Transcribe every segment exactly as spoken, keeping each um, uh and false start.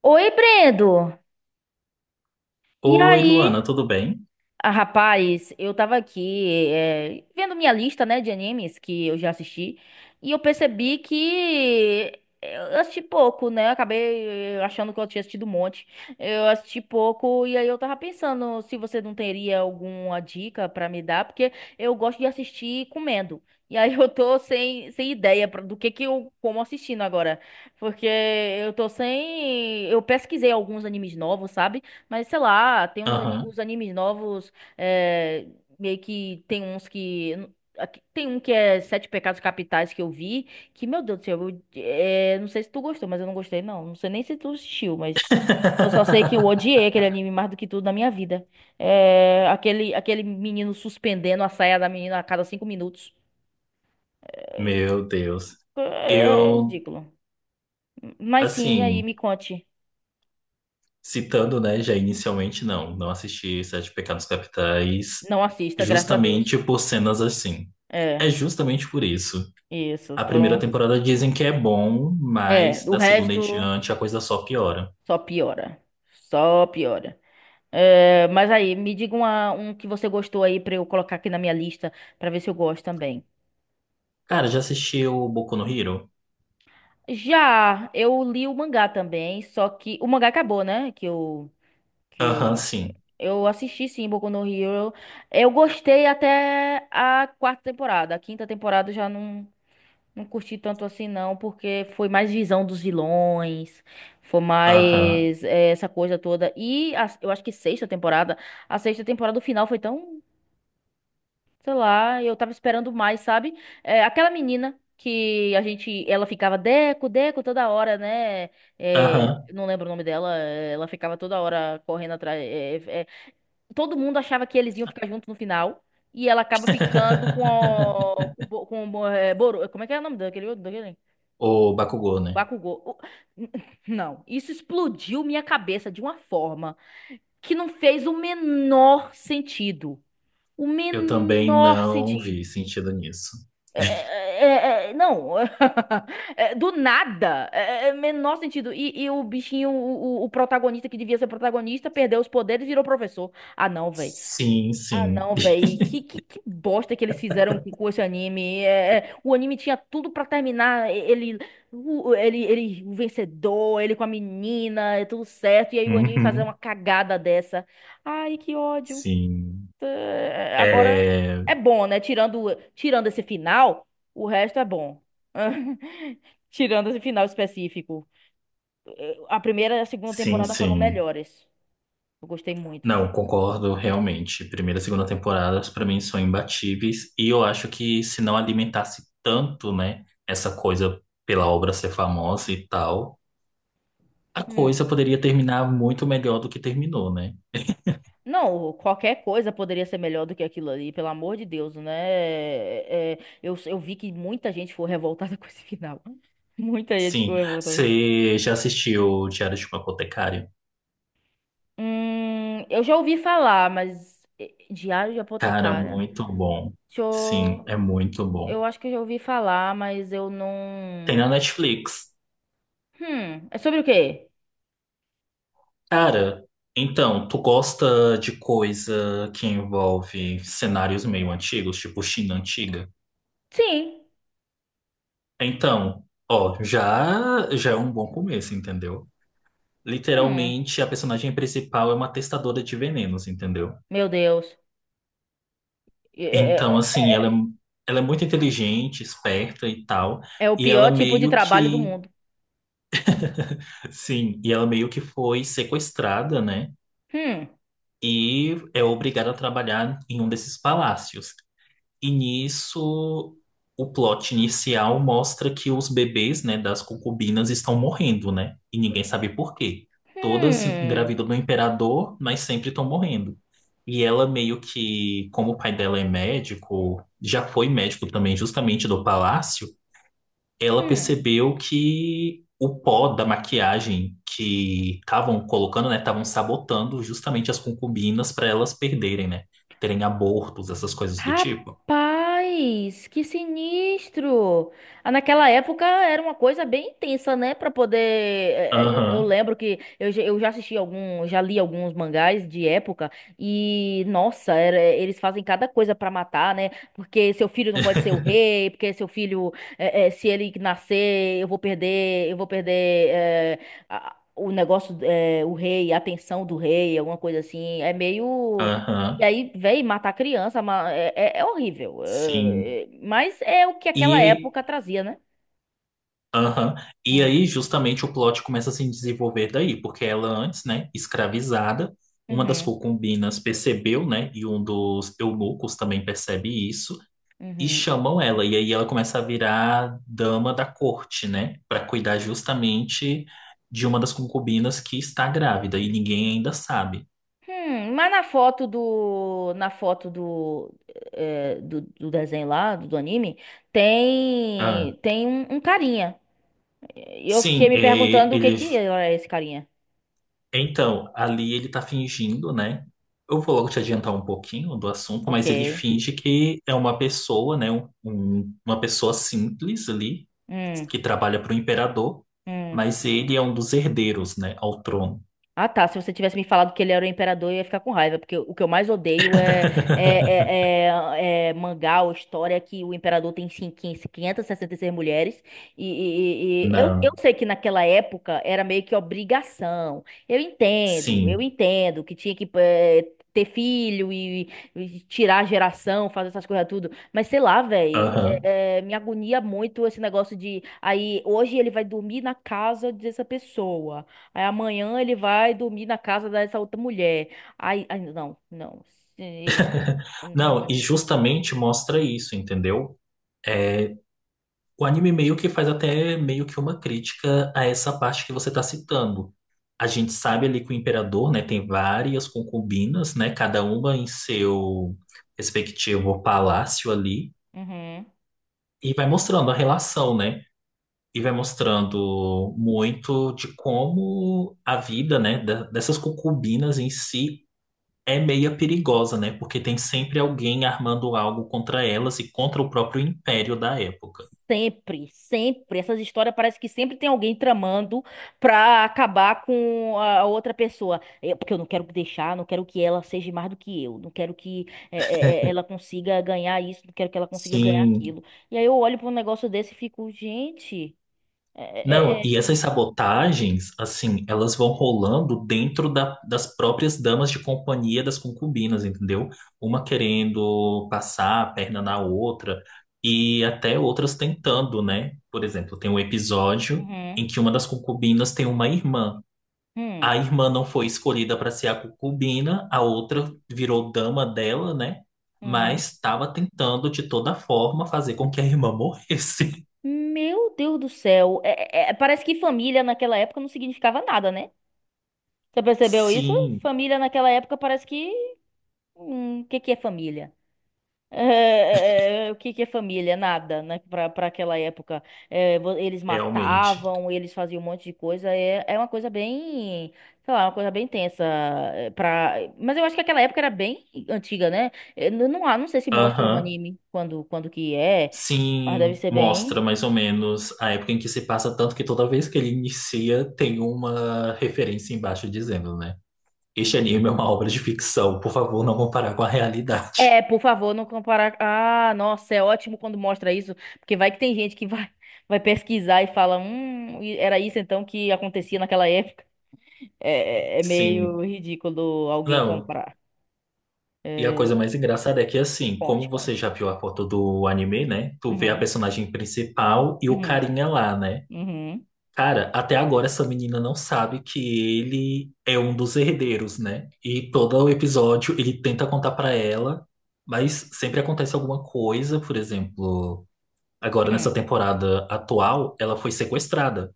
Oi, Brendo. E Oi, Luana, aí? tudo bem? Ah, rapaz, eu tava aqui eh, vendo minha lista, né, de animes que eu já assisti e eu percebi que eh, eu assisti pouco, né? Eu acabei eh, achando que eu tinha assistido um monte. Eu assisti pouco e aí eu tava pensando se você não teria alguma dica pra me dar, porque eu gosto de assistir comendo. E aí eu tô sem, sem ideia pra- do que que eu como assistindo agora, porque eu tô sem, eu pesquisei alguns animes novos, sabe? Mas sei lá, tem uns ani- Aham. os animes novos é, meio que tem uns que. aqui- Tem um que é Sete Pecados Capitais que eu vi, que, meu Deus do céu, eu, é, não sei se tu gostou, mas eu não gostei, não. Não sei nem se tu assistiu, mas eu só sei que eu odiei aquele anime mais do que tudo na minha vida. É, aquele, aquele menino suspendendo a saia da menina a cada cinco minutos. Meu Deus. É, é Eu, ridículo. Mas sim, e aí assim, me conte. Citando, né, já inicialmente, não, não assisti Sete Pecados Capitais Não assista, graças a Deus. justamente por cenas assim. É É, justamente por isso. isso. A primeira Então, temporada dizem que é bom, é, mas o da segunda em resto diante a coisa só piora. só piora. Só piora. É, mas aí, me diga uma- um que você gostou aí pra eu colocar aqui na minha lista pra ver se eu gosto também. Cara, já assistiu o Boku no Hero? Já, eu li o mangá também, só que o mangá acabou, né? Que eu Aham, que sim. eu assisti sim, Boku no Hero. Eu gostei até a quarta temporada. A quinta temporada eu já não não curti tanto assim não, porque foi mais visão dos vilões, foi Aham, mais é, essa coisa toda. E a- eu acho que sexta temporada, a sexta temporada do final foi tão. Sei lá, eu tava esperando mais, sabe? É, aquela menina que a gente, ela ficava Deco, Deco toda hora, né? É, aham. não lembro o nome dela, é, ela ficava toda hora correndo atrás. é, é, é, Todo mundo achava que eles iam ficar juntos no final e ela acaba ficando com o, com, Bo- com, Bo- é, Boru- como é que é o nome daquele, daquele? O Bakugou, né? Bakugou. O- Não, isso explodiu minha cabeça de uma forma que não fez o menor sentido. O Eu também menor não vi sentido. sentido nisso. É, é, é, é, é, não, É, do nada, é, é, é menor sentido. E, e o bichinho, o, o- o protagonista que devia ser protagonista, perdeu os poderes e virou professor. Ah, não, velho. Sim, Ah, sim. não, velho. Que, que, que bosta que eles fizeram aqui com esse anime. É, é, o anime tinha tudo pra terminar. e- Ele, o, ele, ele, o vencedor, ele com a menina, é tudo certo. E aí o anime fazer uma Uhum, cagada dessa. Ai, que ódio. sim. É, agora É, é bom, né? Tirando, tirando esse final, o resto é bom. Tirando esse final específico. A primeira e a segunda sim, temporada foram sim. melhores. Eu gostei muito. Não, concordo realmente. Primeira e segunda temporadas pra mim são imbatíveis e eu acho que se não alimentasse tanto, né, essa coisa pela obra ser famosa e tal, a Hum. coisa poderia terminar muito melhor do que terminou, né? Não, qualquer coisa poderia ser melhor do que aquilo ali, pelo amor de Deus, né? É, é, eu, eu vi que muita gente foi revoltada com esse final. Muita gente ficou Sim. revoltada. Você já assistiu Diário de uma Apotecária? Hum, eu já ouvi falar, mas eh, Diário de Cara, Apotecária. muito bom. Deixa Sim, eu é muito Eu bom. acho que eu já ouvi falar, mas eu Tem não. na Netflix. Hum, é sobre o quê? Cara, então, tu gosta de coisa que envolve cenários meio antigos, tipo China antiga? Sim. Então, ó, já já é um bom começo, entendeu? Hum, Literalmente, a personagem principal é uma testadora de venenos, entendeu? meu Deus. É, é- Então, é- assim, ela é, ela é muito inteligente, esperta e tal, É o e ela pior tipo de meio trabalho do que, mundo. sim, e ela meio que foi sequestrada, né? Hum, E é obrigado a trabalhar em um desses palácios. E nisso, o plot inicial mostra que os bebês, né, das concubinas estão morrendo, né? E ninguém sabe por quê. Todas hum, engravidam do imperador, mas sempre estão morrendo. E ela meio que, como o pai dela é médico, já foi médico também justamente do palácio, ela hum. percebeu que o pó da maquiagem que estavam colocando, né, estavam sabotando justamente as concubinas para elas perderem, né, terem abortos, essas coisas do tipo. Rapaz, que sinistro! Ah, naquela época era uma coisa bem intensa, né? Pra poder. é, é, Eu Aham, lembro que eu, já- eu já assisti algum, já li alguns mangás de época e, nossa, era- eles fazem cada coisa pra matar, né? Porque seu filho não pode ser o rei, porque seu filho, é, é, se ele nascer, eu vou perder, eu vou perder. É, a- o negócio, é, o rei, a atenção do rei, alguma coisa assim. É meio. aham, E aí, véi, matar criança ma- é, é- é horrível. sim. É- é- mas é o que aquela E, época trazia, né? aham, e Hum. aí justamente o plot começa a se desenvolver daí, porque ela antes, né, escravizada, uma das Uhum, concubinas percebeu, né, e um dos eunucos também percebe isso. E uhum. chamam ela, e aí ela começa a virar dama da corte, né? Para cuidar justamente de uma das concubinas que está grávida, e ninguém ainda sabe. Hum, mas na foto do, na foto do, eh, do, do desenho lá, do, do anime, Ah, tem, tem um, um carinha. E eu fiquei sim, me é, perguntando o que ele. que era esse carinha. Então, ali ele tá fingindo, né? Eu vou logo te adiantar um pouquinho do assunto, Ok. mas ele finge que é uma pessoa, né? Um- um- uma pessoa simples ali, Hum, que trabalha para o imperador, hum. mas ele é um dos herdeiros, né? Ao trono. Ah, tá. Se você tivesse me falado que ele era o imperador, eu ia ficar com raiva, porque o que eu mais odeio é, é, é, é- é mangá ou história que o imperador tem cin- quinze mil quinhentas e sessenta e seis mulheres. E, e- e- e eu, eu Não, sei que naquela época era meio que obrigação. Eu entendo, eu sim. entendo que tinha que eh, ter filho e, e tirar a geração, fazer essas coisas tudo. Mas sei lá, velho, Aham. me agonia muito esse negócio de. Aí hoje ele vai dormir na casa dessa pessoa. Aí amanhã ele vai dormir na casa dessa outra mulher. Aí, aí não, não. Se- não Não, vai- e justamente mostra isso, entendeu? É, o anime meio que faz até meio que uma crítica a essa parte que você está citando. A gente sabe ali que o imperador, né, tem várias concubinas, né, cada uma em seu respectivo palácio ali, Uhum. e vai mostrando a relação, né? E vai mostrando muito de como a vida, né, da- dessas concubinas em si é meia perigosa, né? Porque tem sempre alguém armando algo contra elas e contra o próprio império da época. Sempre, sempre. Essas histórias parece que sempre tem alguém tramando pra acabar com a outra pessoa. Eu- porque eu não quero deixar, não quero que ela seja mais do que eu. Não quero que é, é, é, ela consiga ganhar isso, não quero que ela consiga ganhar Sim. aquilo. E aí eu olho pra um negócio desse e fico, gente. É, Não, é, é, e essas sabotagens, assim, elas vão rolando dentro da- das próprias damas de companhia das concubinas, entendeu? Uma querendo passar a perna na outra e até outras tentando, né? Por exemplo, tem um episódio uhum, em que uma das concubinas tem uma irmã. hum, A irmã não foi escolhida para ser a concubina, a outra virou dama dela, né? hum. Mas estava tentando de toda forma fazer com que a irmã morresse. Meu Deus do céu. É- é- é- parece que família naquela época não significava nada, né? Você percebeu isso? Sim, Família naquela época parece que. Hum, o que que é família? É, é, é, o que que é família? Nada, né? Pra, pra aquela época. É, vo- eles realmente. matavam, eles faziam um monte de coisa. É, é uma coisa bem. Sei lá, uma coisa bem tensa. é, Pra... Mas eu acho que aquela época era bem antiga, né? É, não, não, há- não sei se mostra no Aham. anime quando, quando que é, mas deve Sim, ser bem. mostra mais ou menos a época em que se passa, tanto que toda vez que ele inicia tem uma referência embaixo dizendo, né? Este anime é uma obra de ficção, por favor, não comparar com a realidade. É, por favor, não comparar. Ah, nossa, é ótimo quando mostra isso, porque vai que tem gente que vai, vai pesquisar e fala, hum, e era isso então que acontecia naquela época. É, é- é meio Sim. ridículo alguém Não, comprar. e a coisa É, mais engraçada é que, assim, conte, como você conte. já viu a foto do anime, né? Tu vê a Uhum, personagem principal e o uhum, carinha lá, né? uhum, Cara, até agora essa menina não sabe que ele é um dos herdeiros, né? E todo o episódio ele tenta contar pra ela, mas sempre acontece alguma coisa, por exemplo, agora nessa hum. temporada atual, ela foi sequestrada.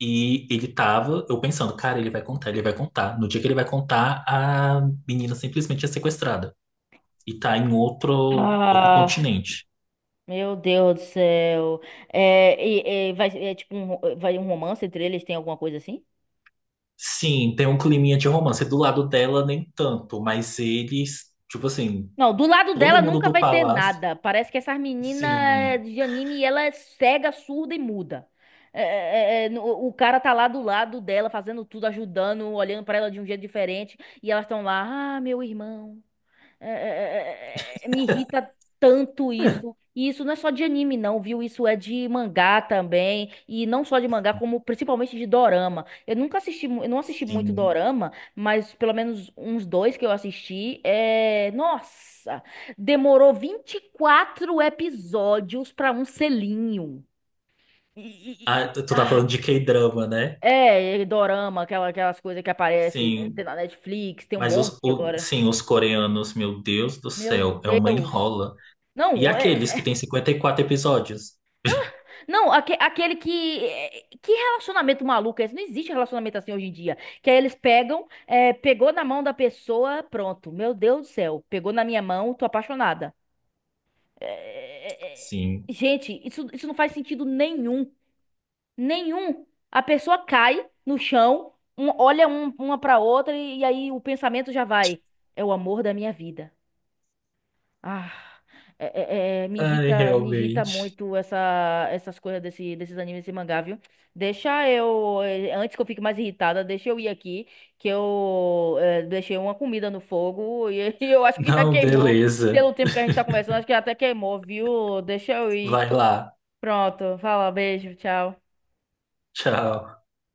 E ele tava, eu pensando, cara, ele vai contar, ele vai contar. No dia que ele vai contar, a menina simplesmente é sequestrada e tá em outro, outro Ah, continente. meu Deus do céu. É, e- e vai, é tipo um, ro- vai um romance entre eles, tem alguma coisa assim? Sim, tem um climinha de romance. Do lado dela, nem tanto, mas eles, tipo assim, Não, do lado dela todo mundo nunca do vai ter palácio. nada. Parece que essas meninas eh, Sim, de anime, ela é cega, surda e muda. É, é, é, é, no- o cara tá lá do lado dela, fazendo tudo, ajudando, olhando pra ela de um jeito diferente. E elas estão lá, ah, meu irmão. É, é, é, é, é, é, me irrita tanto isso. E isso não é só de anime, não, viu? Isso é de mangá também. E não só de mangá, como principalmente de dorama. Eu nunca assisti, mu- eu não assisti muito sim. dorama, mas pelo menos uns dois que eu assisti. É... Nossa! Demorou vinte e quatro episódios pra um selinho. E, e- Ah, e- tu tá ah, falando de K-drama, né? é, e dorama, aquela, aquelas coisas que aparecem, né? Sim, Tem na Netflix, tem um mas monte os, o- agora. sim, os coreanos, meu Deus do Meu céu, é uma Deus! enrola. E Não, aqueles que é, têm cinquenta e quatro episódios? não, aque- aquele que. eh, Que relacionamento maluco é esse? Não existe relacionamento assim hoje em dia. Que aí eles pegam, eh, pegou na mão da pessoa, pronto. Meu Deus do céu, pegou na minha mão, tô apaixonada. Eh, Sim. Gente, isso, isso não faz sentido nenhum. Nenhum. A pessoa cai no chão, um- olha um- uma pra outra e, e aí o pensamento já vai. É o amor da minha vida. Ah, é, é- é, me Ai, irrita, me irrita realmente. muito essa, essas coisas desse, desses animes, desse mangá, viu? Deixa eu, eh, antes que eu fique mais irritada, deixa eu ir aqui, que eu eh, deixei uma comida no fogo e eu acho que já Não, queimou. beleza. Pelo tempo que a gente tá conversando, acho que até queimou, viu? Deixa eu ir. Vai lá. Pronto, fala, beijo, tchau. Tchau.